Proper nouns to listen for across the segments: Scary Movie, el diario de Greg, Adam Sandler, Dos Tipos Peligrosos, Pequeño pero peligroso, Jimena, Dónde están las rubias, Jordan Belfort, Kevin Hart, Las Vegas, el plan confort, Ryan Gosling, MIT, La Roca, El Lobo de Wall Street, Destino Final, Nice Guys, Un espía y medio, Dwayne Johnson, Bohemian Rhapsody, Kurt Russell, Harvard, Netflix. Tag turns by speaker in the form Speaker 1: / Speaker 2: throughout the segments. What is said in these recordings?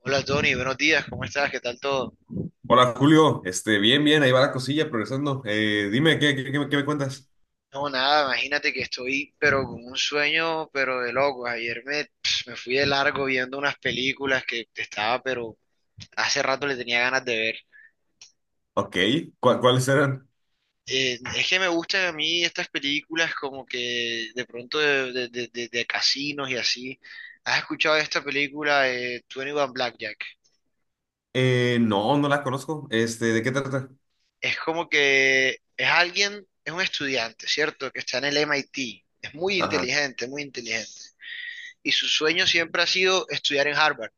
Speaker 1: Hola Tony, buenos días, ¿cómo estás? ¿Qué tal todo?
Speaker 2: Hola Julio, bien, bien, ahí va la cosilla progresando. Dime, ¿qué me cuentas?
Speaker 1: No, nada, imagínate que estoy, pero con un sueño, pero de loco. Ayer me, me fui de largo viendo unas películas que estaba, pero hace rato le tenía ganas de ver.
Speaker 2: Ok, ¿cuáles eran?
Speaker 1: Es que me gustan a mí estas películas como que de pronto de casinos y así. ¿Has escuchado de esta película, 21 Blackjack?
Speaker 2: No, no la conozco. ¿De qué trata?
Speaker 1: Es como que es alguien, es un estudiante, ¿cierto? Que está en el MIT. Es muy
Speaker 2: Ajá,
Speaker 1: inteligente, muy inteligente. Y su sueño siempre ha sido estudiar en Harvard,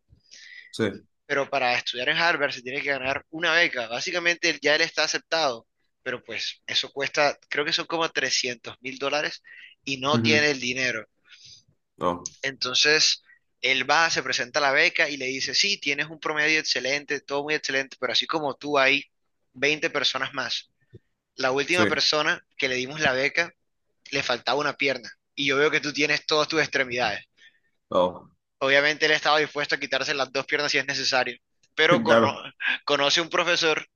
Speaker 2: sí.
Speaker 1: pero para estudiar en Harvard se tiene que ganar una beca. Básicamente él- ya él está aceptado, pero pues eso cuesta, creo que son como $300.000 y no
Speaker 2: Ujú.
Speaker 1: tiene el dinero.
Speaker 2: Oh,
Speaker 1: Entonces él va, se presenta a la beca y le dice, sí, tienes un promedio excelente, todo muy excelente, pero así como tú hay 20 personas más. La
Speaker 2: sí.
Speaker 1: última persona que le dimos la beca le faltaba una pierna y yo veo que tú tienes todas tus extremidades.
Speaker 2: Oh,
Speaker 1: Obviamente él estaba dispuesto a quitarse las dos piernas si es necesario, pero
Speaker 2: claro,
Speaker 1: conoce un profesor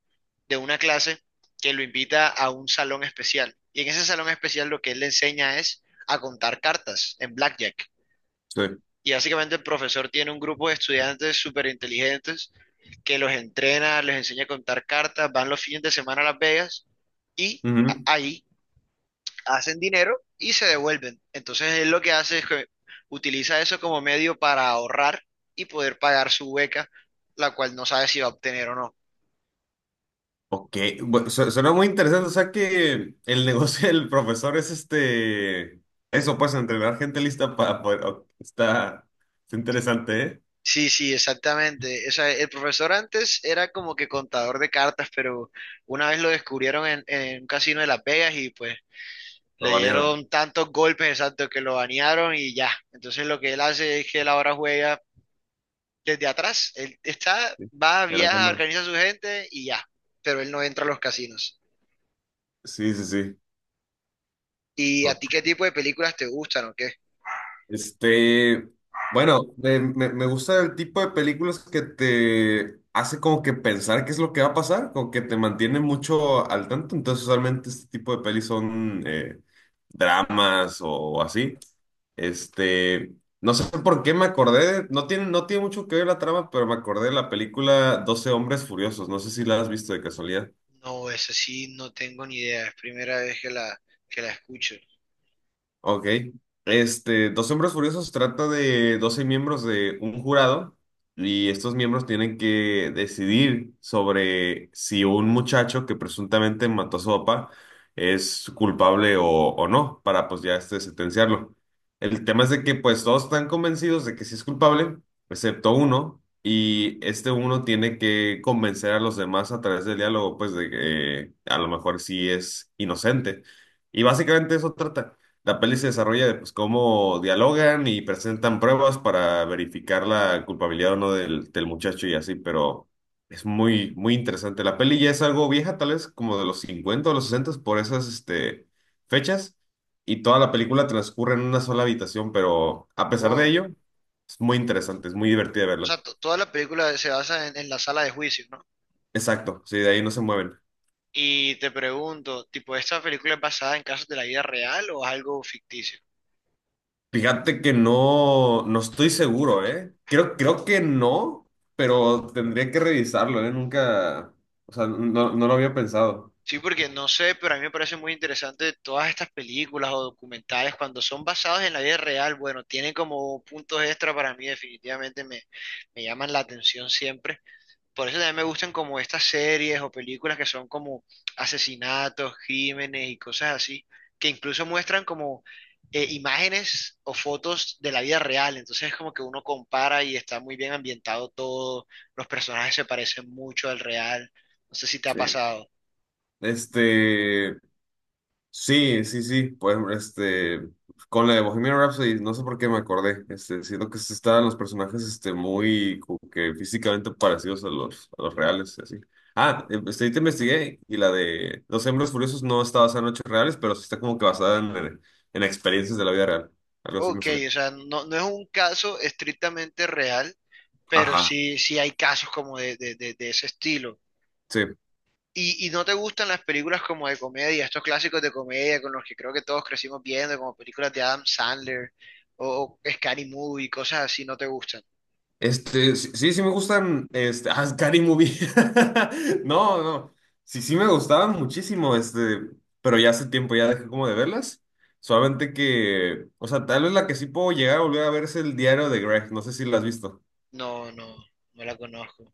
Speaker 1: de una clase que lo invita a un salón especial. Y en ese salón especial lo que él le enseña es a contar cartas en blackjack.
Speaker 2: sí.
Speaker 1: Y básicamente el profesor tiene un grupo de estudiantes súper inteligentes que los entrena, les enseña a contar cartas, van los fines de semana a Las Vegas y
Speaker 2: Ujú.
Speaker 1: ahí hacen dinero y se devuelven. Entonces él lo que hace es que utiliza eso como medio para ahorrar y poder pagar su beca, la cual no sabe si va a obtener o no.
Speaker 2: Ok, bueno, suena muy interesante. O sea que el negocio del profesor es este, eso, pues, entrenar gente lista para poder. Ok, está, está interesante, ¿eh?
Speaker 1: Sí, sí, exactamente. O sea, el profesor antes era como que contador de cartas, pero una vez lo descubrieron en un casino de Las Vegas y pues
Speaker 2: Lo
Speaker 1: le
Speaker 2: banearon.
Speaker 1: dieron tantos golpes exactos que lo banearon y ya. Entonces lo que él hace es que él ahora juega desde atrás. Él está,
Speaker 2: Sí.
Speaker 1: va,
Speaker 2: En la
Speaker 1: viaja,
Speaker 2: sombra.
Speaker 1: organiza a su gente y ya. Pero él no entra a los casinos.
Speaker 2: Sí, sí,
Speaker 1: ¿Y a ti
Speaker 2: sí.
Speaker 1: qué tipo de películas te gustan o qué?
Speaker 2: Este, bueno, me gusta el tipo de películas que te hace como que pensar qué es lo que va a pasar, como que te mantiene mucho al tanto. Entonces, usualmente este tipo de pelis son dramas o así. Este, no sé por qué me acordé, no tiene, no tiene mucho que ver la trama, pero me acordé de la película Doce Hombres Furiosos. No sé si la has visto de casualidad.
Speaker 1: No, esa sí no tengo ni idea, es primera vez que que la escucho.
Speaker 2: Ok. Dos Hombres Furiosos trata de 12 miembros de un jurado y estos miembros tienen que decidir sobre si un muchacho que presuntamente mató a su papá es culpable o no para pues ya este sentenciarlo. El tema es de que pues todos están convencidos de que sí es culpable, excepto uno, y este uno tiene que convencer a los demás a través del diálogo pues de que a lo mejor sí es inocente. Y básicamente eso trata. La peli se desarrolla de pues, cómo dialogan y presentan pruebas para verificar la culpabilidad o no del, del muchacho y así, pero es muy, muy interesante. La peli ya es algo vieja, tal vez como de los 50 o los 60 por esas este, fechas, y toda la película transcurre en una sola habitación, pero a pesar de
Speaker 1: Oh,
Speaker 2: ello, es muy interesante, es muy divertida
Speaker 1: o sea,
Speaker 2: verla.
Speaker 1: toda la película se basa en la sala de juicio, ¿no?
Speaker 2: Exacto, sí, de ahí no se mueven.
Speaker 1: Y te pregunto, tipo, ¿esta película es basada en casos de la vida real o es algo ficticio?
Speaker 2: Fíjate que no, no estoy seguro, ¿eh? Creo, creo que no, pero tendría que revisarlo, ¿eh? Nunca, o sea, no, no lo había pensado.
Speaker 1: Sí, porque no sé, pero a mí me parece muy interesante todas estas películas o documentales cuando son basados en la vida real, bueno, tienen como puntos extra para mí, definitivamente me llaman la atención siempre. Por eso también me gustan como estas series o películas que son como asesinatos, crímenes y cosas así, que incluso muestran como imágenes o fotos de la vida real. Entonces es como que uno compara y está muy bien ambientado todo, los personajes se parecen mucho al real. No sé si te ha
Speaker 2: Sí.
Speaker 1: pasado.
Speaker 2: Este, sí, sí, sí, pues con la de Bohemian Rhapsody, no sé por qué me acordé, siento que se estaban los personajes, muy, como que físicamente parecidos a los reales, y así. Ahí te investigué, y la de Los Hombres Furiosos no está basada en hechos reales, pero sí está como que basada en experiencias de la vida real, algo así me
Speaker 1: Ok,
Speaker 2: salió.
Speaker 1: o sea, no, no es un caso estrictamente real, pero
Speaker 2: Ajá,
Speaker 1: sí, sí hay casos como de, de ese estilo.
Speaker 2: sí.
Speaker 1: Y no te gustan las películas como de comedia, estos clásicos de comedia con los que creo que todos crecimos viendo, como películas de Adam Sandler o Scary Movie, cosas así, no te gustan?
Speaker 2: Sí, sí me gustan, Scary Movie. No, no, sí, sí me gustaban muchísimo, pero ya hace tiempo ya dejé como de verlas. Solamente que, o sea, tal vez la que sí puedo llegar a volver a ver es El Diario de Greg, no sé si la has visto.
Speaker 1: No, no, no la conozco.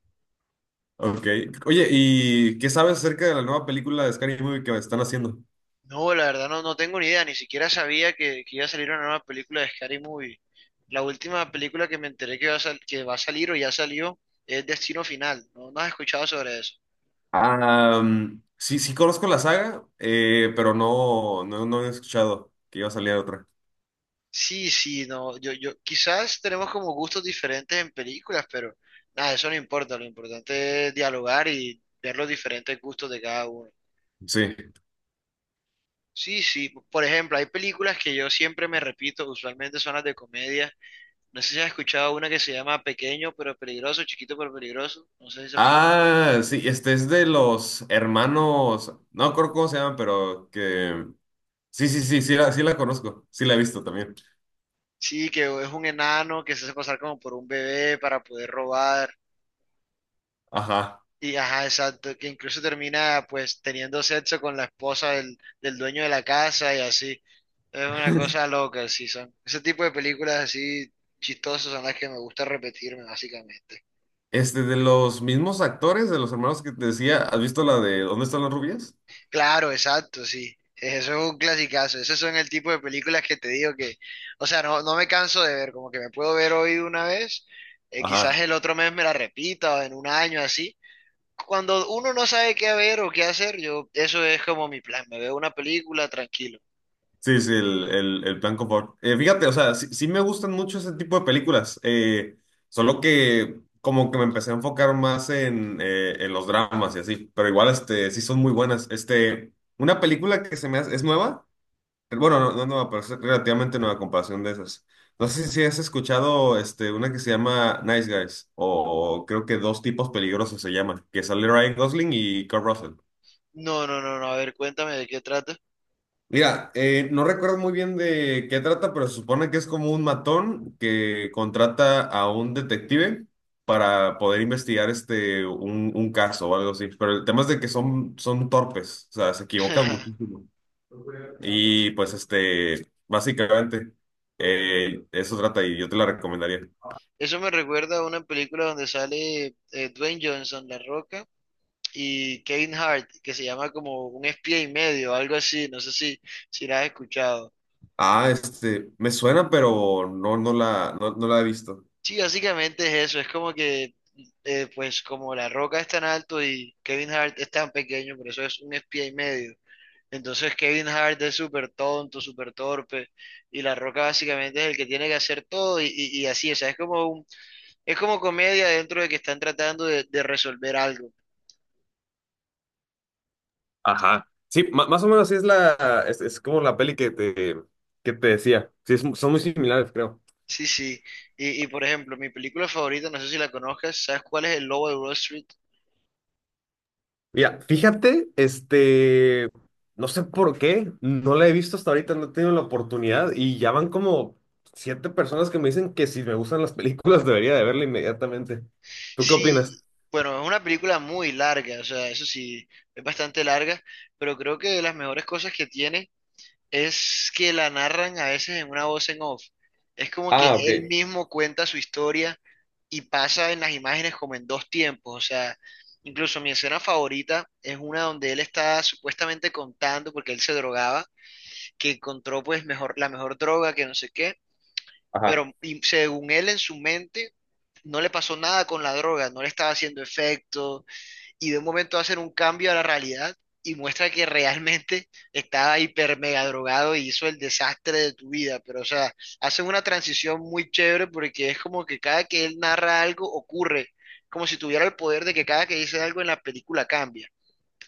Speaker 2: Ok. Oye, ¿y qué sabes acerca de la nueva película de Scary Movie que están haciendo?
Speaker 1: No, la verdad no, no tengo ni idea, ni siquiera sabía que iba a salir una nueva película de Scary Movie. La última película que me enteré que va a, que va a salir o ya salió es Destino Final. ¿No, no has escuchado sobre eso?
Speaker 2: Sí, sí conozco la saga, pero no, no, no he escuchado que iba a salir otra.
Speaker 1: Sí, sí, no, yo, quizás tenemos como gustos diferentes en películas, pero nada, eso no importa, lo importante es dialogar y ver los diferentes gustos de cada uno.
Speaker 2: Sí.
Speaker 1: Sí, sí, por ejemplo, hay películas que yo siempre me repito, usualmente son las de comedia. No sé si has escuchado una que se llama Pequeño pero peligroso, Chiquito pero peligroso, no sé si sepas cuál es.
Speaker 2: Ah, sí, este es de los hermanos, no recuerdo cómo se llaman, pero que... Sí, sí, sí, sí la conozco, sí la he visto también.
Speaker 1: Sí, que es un enano que se hace pasar como por un bebé para poder robar.
Speaker 2: Ajá.
Speaker 1: Y ajá, exacto, que incluso termina pues teniendo sexo con la esposa del, del dueño de la casa y así. Es una cosa loca, sí, son. Ese tipo de películas así chistosas son las que me gusta repetirme, básicamente.
Speaker 2: De los mismos actores, de los hermanos que te decía, ¿has visto la de ¿Dónde están las rubias?
Speaker 1: Claro, exacto, sí. Eso es un clasicazo. Esos son el tipo de películas que te digo que, o sea, no, no me canso de ver, como que me puedo ver hoy una vez, quizás
Speaker 2: Ajá.
Speaker 1: el otro mes me la repita o en un año así. Cuando uno no sabe qué ver o qué hacer, yo, eso es como mi plan. Me veo una película tranquilo.
Speaker 2: Sí, sí, el plan confort. Fíjate, o sea, sí, sí me gustan mucho ese tipo de películas, solo que como que me empecé a enfocar más en los dramas y así, pero igual sí son muy buenas. Una película que se me hace, es nueva. Bueno, no, no, no, pero es relativamente nueva comparación de esas. No sé si has escuchado una que se llama Nice Guys, o creo que Dos Tipos Peligrosos se llama, que sale Ryan Gosling y Kurt Russell.
Speaker 1: No, no, no, no. A ver, cuéntame de qué trata.
Speaker 2: Mira, no recuerdo muy bien de qué trata, pero se supone que es como un matón que contrata a un detective para poder investigar un caso o algo así. Pero el tema es de que son, son torpes, o sea, se equivocan muchísimo. Y pues básicamente, eso trata y yo te la recomendaría.
Speaker 1: Eso me recuerda a una película donde sale Dwayne Johnson, La Roca, y Kevin Hart, que se llama como Un espía y medio, algo así, no sé si, si la has escuchado.
Speaker 2: Me suena, pero no, no, no la he visto.
Speaker 1: Sí, básicamente es eso, es como que, pues como La Roca es tan alto y Kevin Hart es tan pequeño, por eso es un espía y medio. Entonces Kevin Hart es súper tonto, súper torpe, y La Roca básicamente es el que tiene que hacer todo y, y así, o sea, es como un, es como comedia dentro de que están tratando de resolver algo.
Speaker 2: Ajá. Sí, más o menos sí es la, es como la peli que te decía. Sí, son muy similares, creo.
Speaker 1: Sí, sí. Y por ejemplo, mi película favorita, no sé si la conozcas, ¿sabes cuál es El Lobo de Wall Street?
Speaker 2: Mira, fíjate, no sé por qué, no la he visto hasta ahorita, no he tenido la oportunidad y ya van como siete personas que me dicen que si me gustan las películas debería de verla inmediatamente. ¿Tú qué opinas?
Speaker 1: Sí, bueno, es una película muy larga, o sea, eso sí, es bastante larga, pero creo que de las mejores cosas que tiene es que la narran a veces en una voz en off. Es como que
Speaker 2: Ah, ok.
Speaker 1: él mismo cuenta su historia y pasa en las imágenes como en dos tiempos, o sea, incluso mi escena favorita es una donde él está supuestamente contando, porque él se drogaba, que encontró pues mejor, la mejor droga, que no sé qué.
Speaker 2: Ajá.
Speaker 1: Pero y según él en su mente, no le pasó nada con la droga, no le estaba haciendo efecto, y de un momento hacen un cambio a la realidad y muestra que realmente estaba hiper mega drogado y hizo el desastre de tu vida. Pero, o sea, hacen una transición muy chévere porque es como que cada que él narra algo ocurre, como si tuviera el poder de que cada que dice algo en la película cambia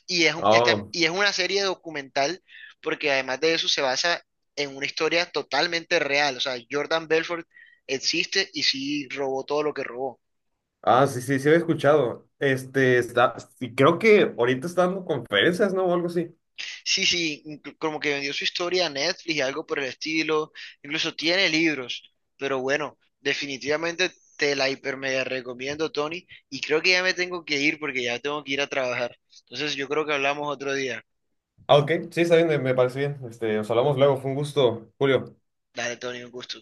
Speaker 1: y es,
Speaker 2: Oh.
Speaker 1: y es una serie documental porque además de eso se basa en una historia totalmente real. O sea, Jordan Belfort existe y sí robó todo lo que robó.
Speaker 2: Ah, sí, sí, sí había escuchado. Está, sí, creo que ahorita está dando conferencias, ¿no? O algo así.
Speaker 1: Sí, sí, como que vendió su historia a Netflix y algo por el estilo. Incluso tiene libros. Pero bueno, definitivamente te la hiper mega recomiendo, Tony. Y creo que ya me tengo que ir porque ya tengo que ir a trabajar. Entonces yo creo que hablamos otro día.
Speaker 2: Ah, ok, sí, está bien, me parece bien. Nos hablamos luego, fue un gusto, Julio.
Speaker 1: Dale, Tony, un gusto.